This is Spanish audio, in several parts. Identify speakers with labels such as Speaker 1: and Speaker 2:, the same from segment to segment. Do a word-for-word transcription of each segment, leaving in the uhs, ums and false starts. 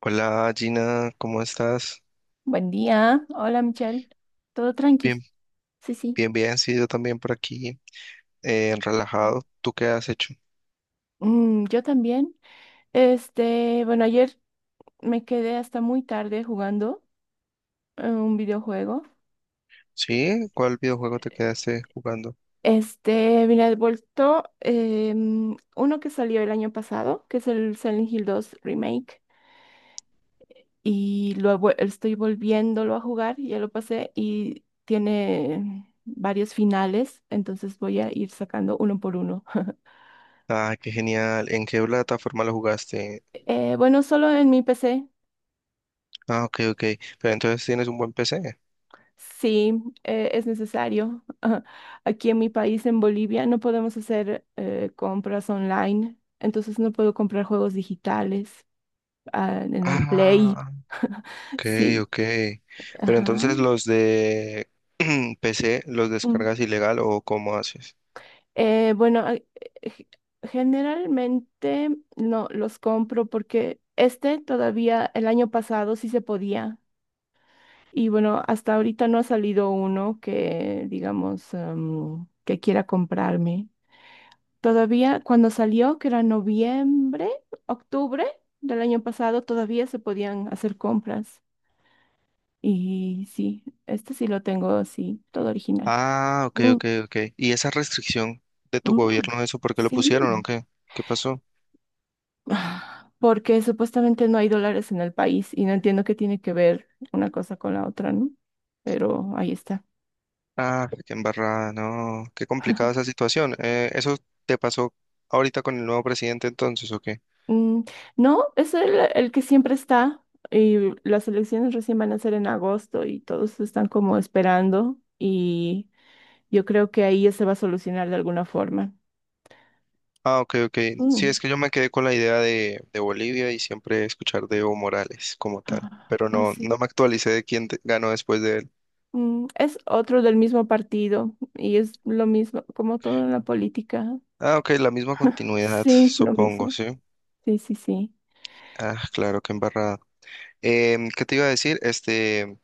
Speaker 1: Hola Gina, ¿cómo estás?
Speaker 2: Buen día. Hola, Michelle. Todo tranqui.
Speaker 1: Bien,
Speaker 2: Sí, sí.
Speaker 1: bien, bien, sí, yo también por aquí, eh, relajado. ¿Tú qué has hecho?
Speaker 2: Mm, yo también. Este, bueno, ayer me quedé hasta muy tarde jugando eh, un videojuego.
Speaker 1: ¿Sí? ¿Cuál videojuego te quedaste jugando?
Speaker 2: Este, mira, he vuelto em, uno que salió el año pasado, que es el Silent Hill dos Remake, y lo he vuel- estoy volviéndolo a jugar, ya lo pasé y tiene varios finales, entonces voy a ir sacando uno por uno.
Speaker 1: Ah, qué genial. ¿En qué plataforma lo jugaste?
Speaker 2: Eh, bueno, solo en mi P C.
Speaker 1: Ah, ok, ok. Pero entonces tienes un buen P C.
Speaker 2: Sí, eh, es necesario. Aquí en mi país, en Bolivia, no podemos hacer eh, compras online, entonces no puedo comprar juegos digitales, ah, en el Play.
Speaker 1: Ah, ok,
Speaker 2: Sí,
Speaker 1: ok. Pero
Speaker 2: ajá.
Speaker 1: entonces los de P C los
Speaker 2: Mm.
Speaker 1: descargas ilegal o ¿cómo haces?
Speaker 2: Eh, bueno, a- eh, generalmente no los compro porque este todavía el año pasado sí se podía. Y bueno, hasta ahorita no ha salido uno que, digamos, em, que quiera comprarme. Todavía cuando salió, que era noviembre, octubre del año pasado, todavía se podían hacer compras. Y sí, este sí lo tengo, sí, todo original.
Speaker 1: Ah, ok,
Speaker 2: Mm,
Speaker 1: ok, ok. ¿Y esa restricción de tu
Speaker 2: mm,
Speaker 1: gobierno, eso por qué lo
Speaker 2: sí.
Speaker 1: pusieron o qué? ¿Qué pasó?
Speaker 2: Ah, porque supuestamente no hay dólares en el país y no entiendo qué tiene que ver una cosa con la otra, ¿no? Pero ahí está.
Speaker 1: Ah, qué embarrada, no, qué complicada esa situación. Eh, ¿eso te pasó ahorita con el nuevo presidente entonces o qué?
Speaker 2: Mm, no, es el, el que siempre está, y las elecciones recién van a ser en agosto y todos están como esperando y... Yo creo que ahí ya se va a solucionar de alguna forma.
Speaker 1: Ah, ok, ok. Sí,
Speaker 2: Mm.
Speaker 1: es que yo me quedé con la idea de, de Bolivia y siempre escuchar de Evo Morales como tal,
Speaker 2: Ah,
Speaker 1: pero
Speaker 2: ah,
Speaker 1: no,
Speaker 2: sí.
Speaker 1: no me actualicé de quién te- ganó después de él.
Speaker 2: Mm, es otro del mismo partido y es lo mismo, como todo en la política.
Speaker 1: Ah, ok, la misma continuidad,
Speaker 2: Sí, lo
Speaker 1: supongo,
Speaker 2: mismo.
Speaker 1: ¿sí?
Speaker 2: Sí, sí, sí.
Speaker 1: Ah, claro, qué embarrada. Em, ¿qué te iba a decir? Este,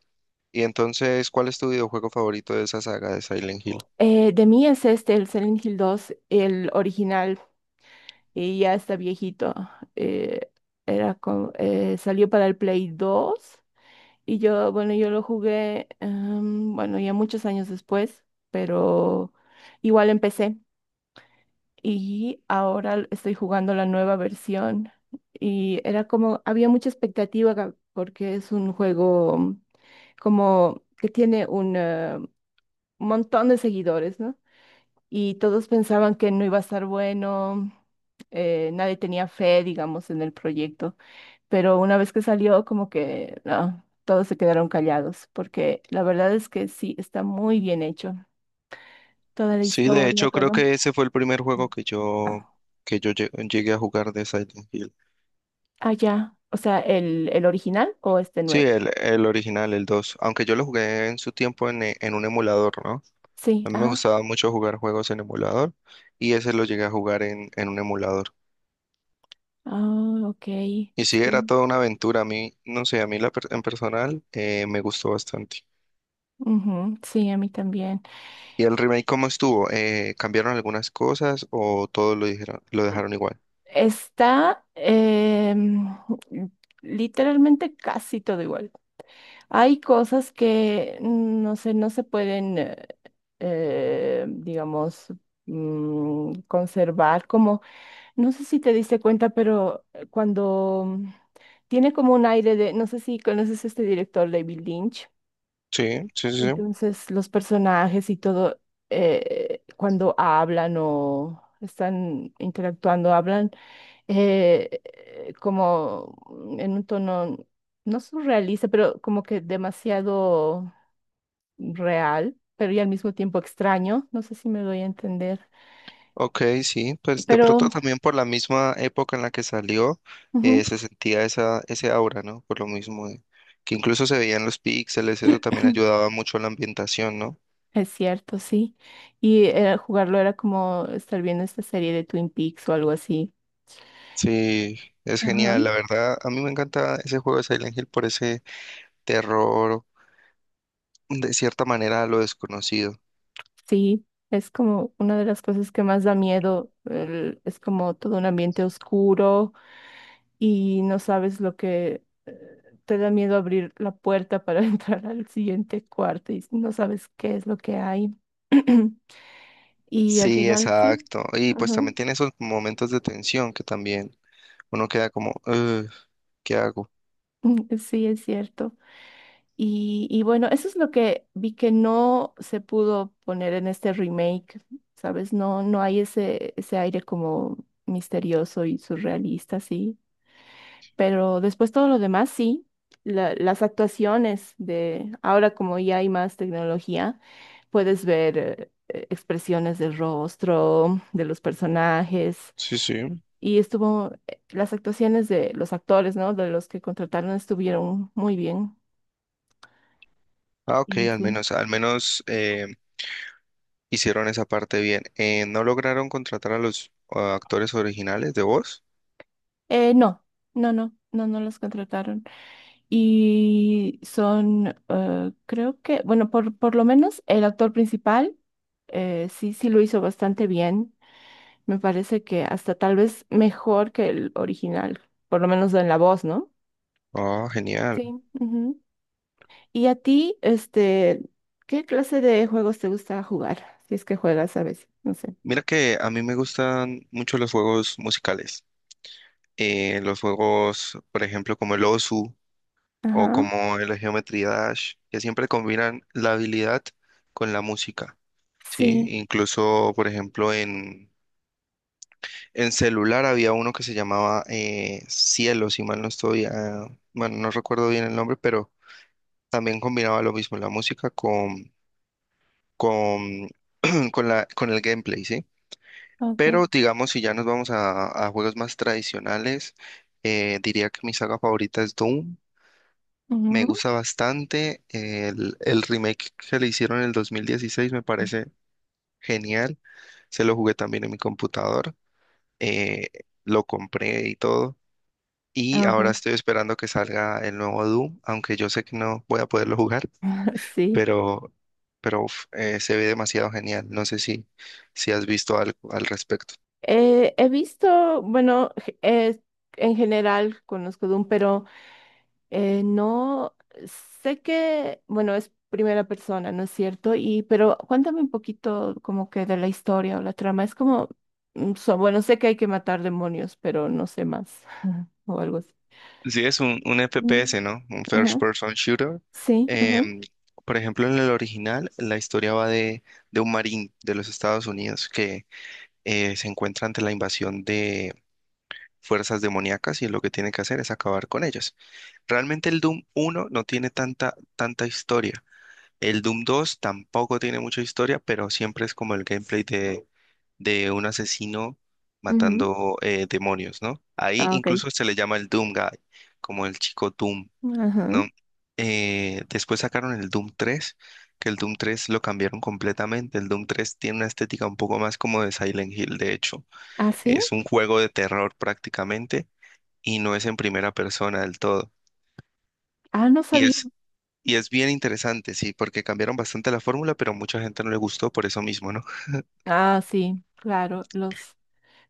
Speaker 1: y entonces, ¿cuál es tu videojuego favorito de esa saga de Silent Hill?
Speaker 2: Eh, de mí es este, el Silent Hill dos el original, y ya está viejito. Eh, era con- eh, Salió para el Play dos y yo, bueno, yo lo jugué, em, bueno, ya muchos años después, pero igual empecé. Y ahora l- estoy jugando la nueva versión, y era como, había mucha expectativa ga- porque es un juego como que tiene un eh, montón de seguidores, ¿no? Y todos pensaban que no iba a estar bueno, eh, nadie tenía fe, digamos, en el proyecto, pero una vez que salió, como que no, todos se quedaron callados porque la verdad es que sí, está muy bien hecho, toda la
Speaker 1: Sí, de
Speaker 2: historia,
Speaker 1: hecho creo
Speaker 2: todo.
Speaker 1: que ese fue el primer juego que yo, que yo lle- llegué a jugar de Silent Hill.
Speaker 2: Ah, ya. O sea, el, el original o este
Speaker 1: Sí,
Speaker 2: nuevo.
Speaker 1: el, el original, el dos. Aunque yo lo jugué en su tiempo en, e- en un emulador, ¿no?
Speaker 2: Sí,
Speaker 1: A mí me
Speaker 2: ajá.
Speaker 1: gustaba mucho jugar juegos en emulador y ese lo llegué a jugar en, en un emulador.
Speaker 2: Ah, ok.
Speaker 1: Y sí, era
Speaker 2: Sí.
Speaker 1: toda una aventura. A mí, no sé, a mí la per- en personal eh, me gustó bastante.
Speaker 2: Ujú, sí, a mí también.
Speaker 1: ¿Y el remake cómo estuvo? Eh, ¿cambiaron algunas cosas o todo lo dijeron, lo
Speaker 2: Mm.
Speaker 1: dejaron igual?
Speaker 2: Está em, literalmente casi todo igual. Hay cosas que, mm, no sé, no se pueden, eh, eh, digamos, mm, conservar como... No sé si te diste cuenta, pero eh, cuando mm, tiene como un aire de, no sé si conoces a este director, David Lynch.
Speaker 1: Sí, sí, sí. sí.
Speaker 2: Entonces, los personajes y todo, eh, cuando hablan o están interactuando, hablan eh, eh, como en un tono no surrealista, pero como que demasiado real, pero y al mismo tiempo extraño. No sé si me doy a entender,
Speaker 1: Ok, sí, pues de
Speaker 2: pero
Speaker 1: pronto también por la misma época en la que salió, eh,
Speaker 2: ujú.
Speaker 1: se sentía esa, ese aura, ¿no? Por lo mismo, de- que incluso se veían los píxeles, eso también ayudaba mucho a la ambientación, ¿no?
Speaker 2: Es cierto, sí. Y eh, jugarlo era como estar viendo esta serie de Twin Peaks o algo así.
Speaker 1: Sí, es
Speaker 2: Ajá.
Speaker 1: genial, la verdad, a mí me encanta ese juego de Silent Hill por ese terror, de cierta manera, a lo desconocido.
Speaker 2: Sí, es como una de las cosas que más da miedo. El- es como todo un ambiente oscuro y no sabes lo que eh, te da miedo abrir la puerta para entrar al siguiente cuarto y no sabes qué es lo que hay. Y al
Speaker 1: Sí,
Speaker 2: final sí.
Speaker 1: exacto, y pues
Speaker 2: Ajá.
Speaker 1: también tiene esos momentos de tensión que también uno queda como, "Ugh, ¿qué hago?"
Speaker 2: Mm, sí, es cierto. Y, y bueno, eso es lo que vi que no se pudo poner en este remake, ¿sabes? No, no hay ese, ese aire como misterioso y surrealista, sí. Pero después todo lo demás, sí. La- las actuaciones de ahora, como ya hay más tecnología, puedes ver eh, eh, expresiones del rostro, de los personajes.
Speaker 1: Sí, sí.
Speaker 2: Y estuvo, eh, las actuaciones de los actores, ¿no? De los que contrataron estuvieron muy bien.
Speaker 1: Ah, ok,
Speaker 2: Y
Speaker 1: al
Speaker 2: sí.
Speaker 1: menos, al menos eh, hicieron esa parte bien. Eh, ¿no lograron contratar a los ah, actores originales de voz?
Speaker 2: Eh, no, no, no, no, no los contrataron. Y son, eh, creo que, bueno, por, por lo menos el actor principal, eh, sí, sí lo hizo bastante bien. Me parece que hasta tal vez mejor que el original, por lo menos en la voz, ¿no?
Speaker 1: Ah, genial.
Speaker 2: Sí. Ujú. Y a ti, este, ¿qué clase de juegos te gusta jugar? Si es que juegas a veces, no sé.
Speaker 1: Mira que a mí me gustan mucho los juegos musicales. Eh, los juegos, por ejemplo, como el Osu o
Speaker 2: Ajá.
Speaker 1: como el Geometry Dash, que siempre combinan la habilidad con la música, ¿sí?
Speaker 2: Sí,
Speaker 1: Incluso, por ejemplo, en, en celular había uno que se llamaba eh, Cielo, si mal no estoy, ah, bueno, no recuerdo bien el nombre, pero también combinaba lo mismo, la música con con, con la, con el gameplay, ¿sí?
Speaker 2: ok.
Speaker 1: Pero digamos, si ya nos vamos a, a juegos más tradicionales, eh, diría que mi saga favorita es Doom. Me
Speaker 2: Ujú.
Speaker 1: gusta bastante. El, el remake que le hicieron en el dos mil dieciséis me parece genial. Se lo jugué también en mi computador. eh, lo compré y todo. Y
Speaker 2: Ah,
Speaker 1: ahora
Speaker 2: ok.
Speaker 1: estoy esperando que salga el nuevo Doom, aunque yo sé que no voy a poderlo jugar.
Speaker 2: Sí.
Speaker 1: pero, pero uf, eh, se ve demasiado genial. No sé si, si has visto algo al respecto.
Speaker 2: Eh, he visto, bueno, g- eh, en general conozco Doom, pero eh, no sé que, bueno, es primera persona, ¿no es cierto? Y, pero cuéntame un poquito como que de la historia o la trama. Es como, mm, so- bueno, sé que hay que matar demonios, pero no sé más o algo así.
Speaker 1: Sí, es un, un
Speaker 2: Mm,
Speaker 1: F P S, ¿no? Un First
Speaker 2: ajá.
Speaker 1: Person Shooter.
Speaker 2: Sí, ajá.
Speaker 1: Em, por ejemplo, en el original, la historia va de, de un marín de los Estados Unidos que eh, se encuentra ante la invasión de fuerzas demoníacas y lo que tiene que hacer es acabar con ellas. Realmente el Doom uno no tiene tanta, tanta historia. El Doom dos tampoco tiene mucha historia, pero siempre es como el gameplay de, de un asesino
Speaker 2: Ujú.
Speaker 1: matando eh, demonios, ¿no? Ahí
Speaker 2: Ah, ok.
Speaker 1: incluso se le llama el Doom Guy, como el chico Doom,
Speaker 2: Ajá.
Speaker 1: ¿no? Eh, después sacaron el Doom tres, que el Doom tres lo cambiaron completamente. El Doom tres tiene una estética un poco más como de Silent Hill, de hecho.
Speaker 2: Ah, sí.
Speaker 1: Es un juego de terror prácticamente y no es en primera persona del todo.
Speaker 2: Ah, no
Speaker 1: Y
Speaker 2: sabía.
Speaker 1: es y es bien interesante, sí, porque cambiaron bastante la fórmula, pero mucha gente no le gustó por eso mismo, ¿no?
Speaker 2: Ah, sí, claro, los...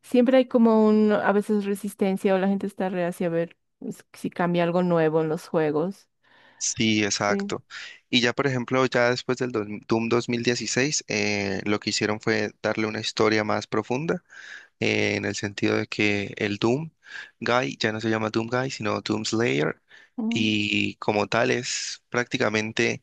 Speaker 2: Siempre hay como un, a veces resistencia o la gente está reacia a ver s- si cambia algo nuevo en los juegos.
Speaker 1: Sí,
Speaker 2: Sí.
Speaker 1: exacto. Y ya, por ejemplo, ya después del dos- Doom dos mil dieciséis, eh, lo que hicieron fue darle una historia más profunda, eh, en el sentido de que el Doom Guy ya no se llama Doom Guy, sino Doom Slayer,
Speaker 2: Mm,
Speaker 1: y como tal es prácticamente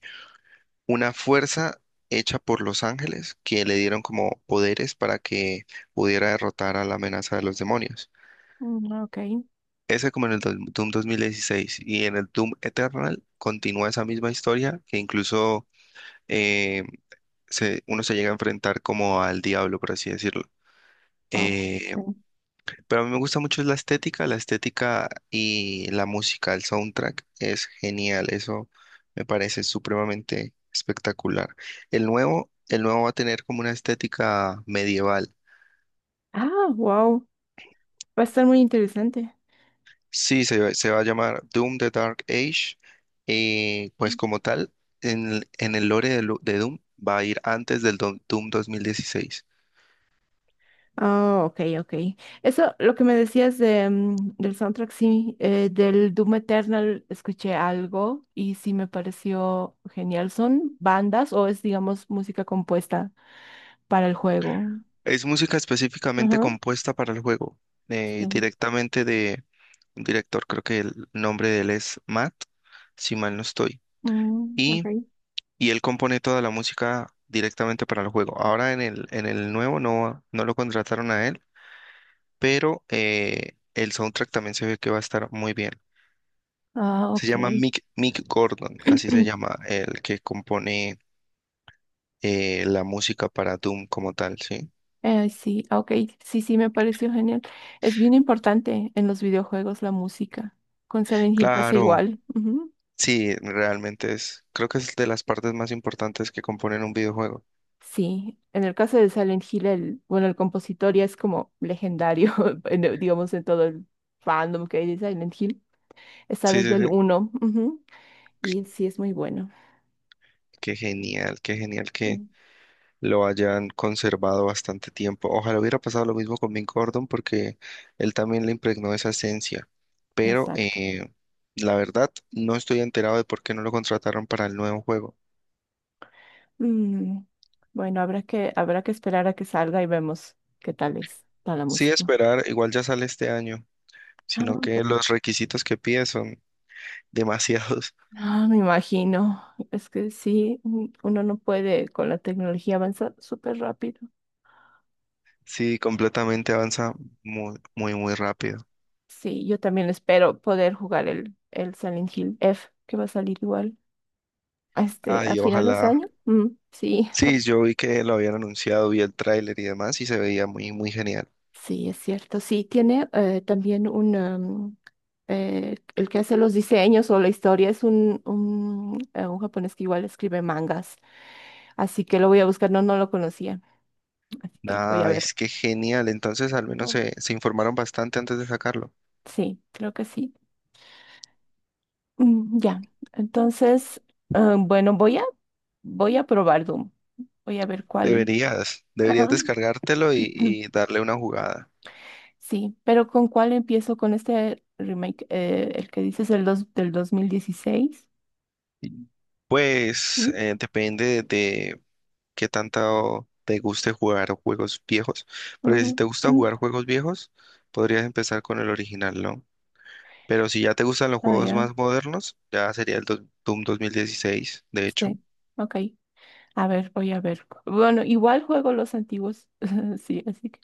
Speaker 1: una fuerza hecha por los ángeles que le dieron como poderes para que pudiera derrotar a la amenaza de los demonios.
Speaker 2: mm, ok.
Speaker 1: Ese como en el do- Doom dos mil dieciséis y en el Doom Eternal continúa esa misma historia que incluso eh, se- uno se llega a enfrentar como al diablo, por así decirlo.
Speaker 2: Oh,
Speaker 1: Eh,
Speaker 2: ok.
Speaker 1: pero a mí me gusta mucho la estética, la estética y la música, el soundtrack es genial, eso me parece supremamente espectacular. El nuevo, el nuevo va a tener como una estética medieval.
Speaker 2: Ah, wow. Va a estar muy interesante.
Speaker 1: Sí, se, va se va a llamar Doom the Dark Age. Eh, pues como tal, en, el en el lore de, Lu- de Doom va a ir antes del Do- Doom dos mil dieciséis.
Speaker 2: Ah, ok, ok. Eso, lo que me decías de, mm, del soundtrack, sí, eh, del Doom Eternal escuché algo y sí me pareció genial. ¿Son bandas o es, digamos, música compuesta para el juego?
Speaker 1: Es música específicamente
Speaker 2: Ajá,
Speaker 1: compuesta para el juego, eh,
Speaker 2: sí.
Speaker 1: directamente de un director, creo que el nombre de él es Matt, si mal no estoy.
Speaker 2: Mm, ok.
Speaker 1: Y, y él compone toda la música directamente para el juego. Ahora en el, en el nuevo no, no lo contrataron a él, pero eh, el soundtrack también se ve que va a estar muy bien.
Speaker 2: Ah,
Speaker 1: Se llama
Speaker 2: ok.
Speaker 1: Mick, Mick Gordon, así se llama el que compone eh, la música para Doom como tal, ¿sí?
Speaker 2: Eh, sí, ah, ok, sí, sí, me pareció genial. Es bien importante en los videojuegos la música. Con Silent Hill pasa
Speaker 1: Claro,
Speaker 2: igual. Ujú.
Speaker 1: sí, realmente es, creo que es de las partes más importantes que componen un videojuego.
Speaker 2: Sí, en el caso de Silent Hill, el, bueno, el compositor ya es como legendario, en el- digamos, en todo el fandom que hay de Silent Hill. Está
Speaker 1: Sí, sí,
Speaker 2: desde el
Speaker 1: sí.
Speaker 2: uno, ujú. Y sí, es muy bueno.
Speaker 1: Qué genial, qué genial
Speaker 2: Sí,
Speaker 1: que lo hayan conservado bastante tiempo. Ojalá hubiera pasado lo mismo con Mick Gordon porque él también le impregnó esa esencia, pero
Speaker 2: exacto.
Speaker 1: eh, la verdad no estoy enterado de por qué no lo contrataron para el nuevo juego.
Speaker 2: Mm, bueno, habrá que, habrá que esperar a que salga y vemos qué tal es, tal la
Speaker 1: Sí,
Speaker 2: música.
Speaker 1: esperar, igual ya sale este año.
Speaker 2: Ah,
Speaker 1: Sino
Speaker 2: ok.
Speaker 1: que los requisitos que pide son demasiados.
Speaker 2: Ah, me imagino. Es que sí, mm, uno no puede con la tecnología avanzar súper rápido.
Speaker 1: Sí, completamente avanza muy, muy, muy rápido.
Speaker 2: Sí, yo también espero poder jugar el, el Silent Hill F, que va a salir igual a este, a
Speaker 1: Ay,
Speaker 2: finales de
Speaker 1: ojalá.
Speaker 2: año. Mm, sí.
Speaker 1: Sí, yo vi que lo habían anunciado, vi el tráiler y demás y se veía muy, muy genial.
Speaker 2: Sí, es cierto. Sí, tiene eh, también un um, eh, el que hace los diseños o la historia es un, un, eh, un japonés que igual escribe mangas. Así que lo voy a buscar. No, no lo conocía. Así que voy a
Speaker 1: Ah,
Speaker 2: ver.
Speaker 1: es que genial. Entonces, al menos
Speaker 2: Mm,
Speaker 1: se, se informaron bastante antes de sacarlo.
Speaker 2: sí, creo que sí. Mm, ya, entonces, ah, bueno, voy a, voy a probar Doom. Voy a ver cuál.
Speaker 1: Deberías, deberías
Speaker 2: Ajá.
Speaker 1: descargártelo y, y darle una jugada.
Speaker 2: Sí, pero ¿con cuál empiezo? ¿Con este remake, eh, el que dices el dos, del dos mil dieciséis?
Speaker 1: Y, Pues
Speaker 2: ¿Mm?
Speaker 1: eh, depende de, qué tanto te guste jugar juegos viejos. Porque
Speaker 2: Ujú,
Speaker 1: si te gusta
Speaker 2: ujú.
Speaker 1: jugar juegos viejos, podrías empezar con el original, ¿no? Pero si ya te gustan los
Speaker 2: Ah,
Speaker 1: juegos
Speaker 2: ya,
Speaker 1: más modernos, ya sería el dos- Doom dos mil dieciséis. De hecho.
Speaker 2: sí, ok. A ver, voy a ver. cu- Bueno, igual juego los antiguos, sí, así que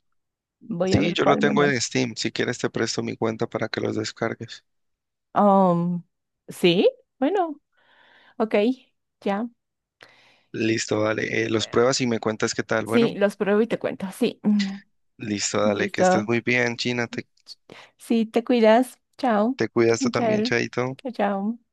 Speaker 2: voy a
Speaker 1: Sí,
Speaker 2: ver
Speaker 1: yo lo
Speaker 2: cuál me
Speaker 1: tengo
Speaker 2: va.
Speaker 1: en Steam. Si quieres, te presto mi cuenta para que los descargues.
Speaker 2: Um, sí, bueno, ok, ya.
Speaker 1: Listo, dale. Eh, los pruebas y me cuentas qué tal.
Speaker 2: Sí,
Speaker 1: Bueno,
Speaker 2: los pruebo y te cuento, sí.
Speaker 1: listo,
Speaker 2: Mm,
Speaker 1: dale. Que estés
Speaker 2: listo.
Speaker 1: muy bien, China. Te,
Speaker 2: Sí, te cuidas. Chao.
Speaker 1: te cuidas tú también,
Speaker 2: Michael.
Speaker 1: Chaito.
Speaker 2: Chao, chao.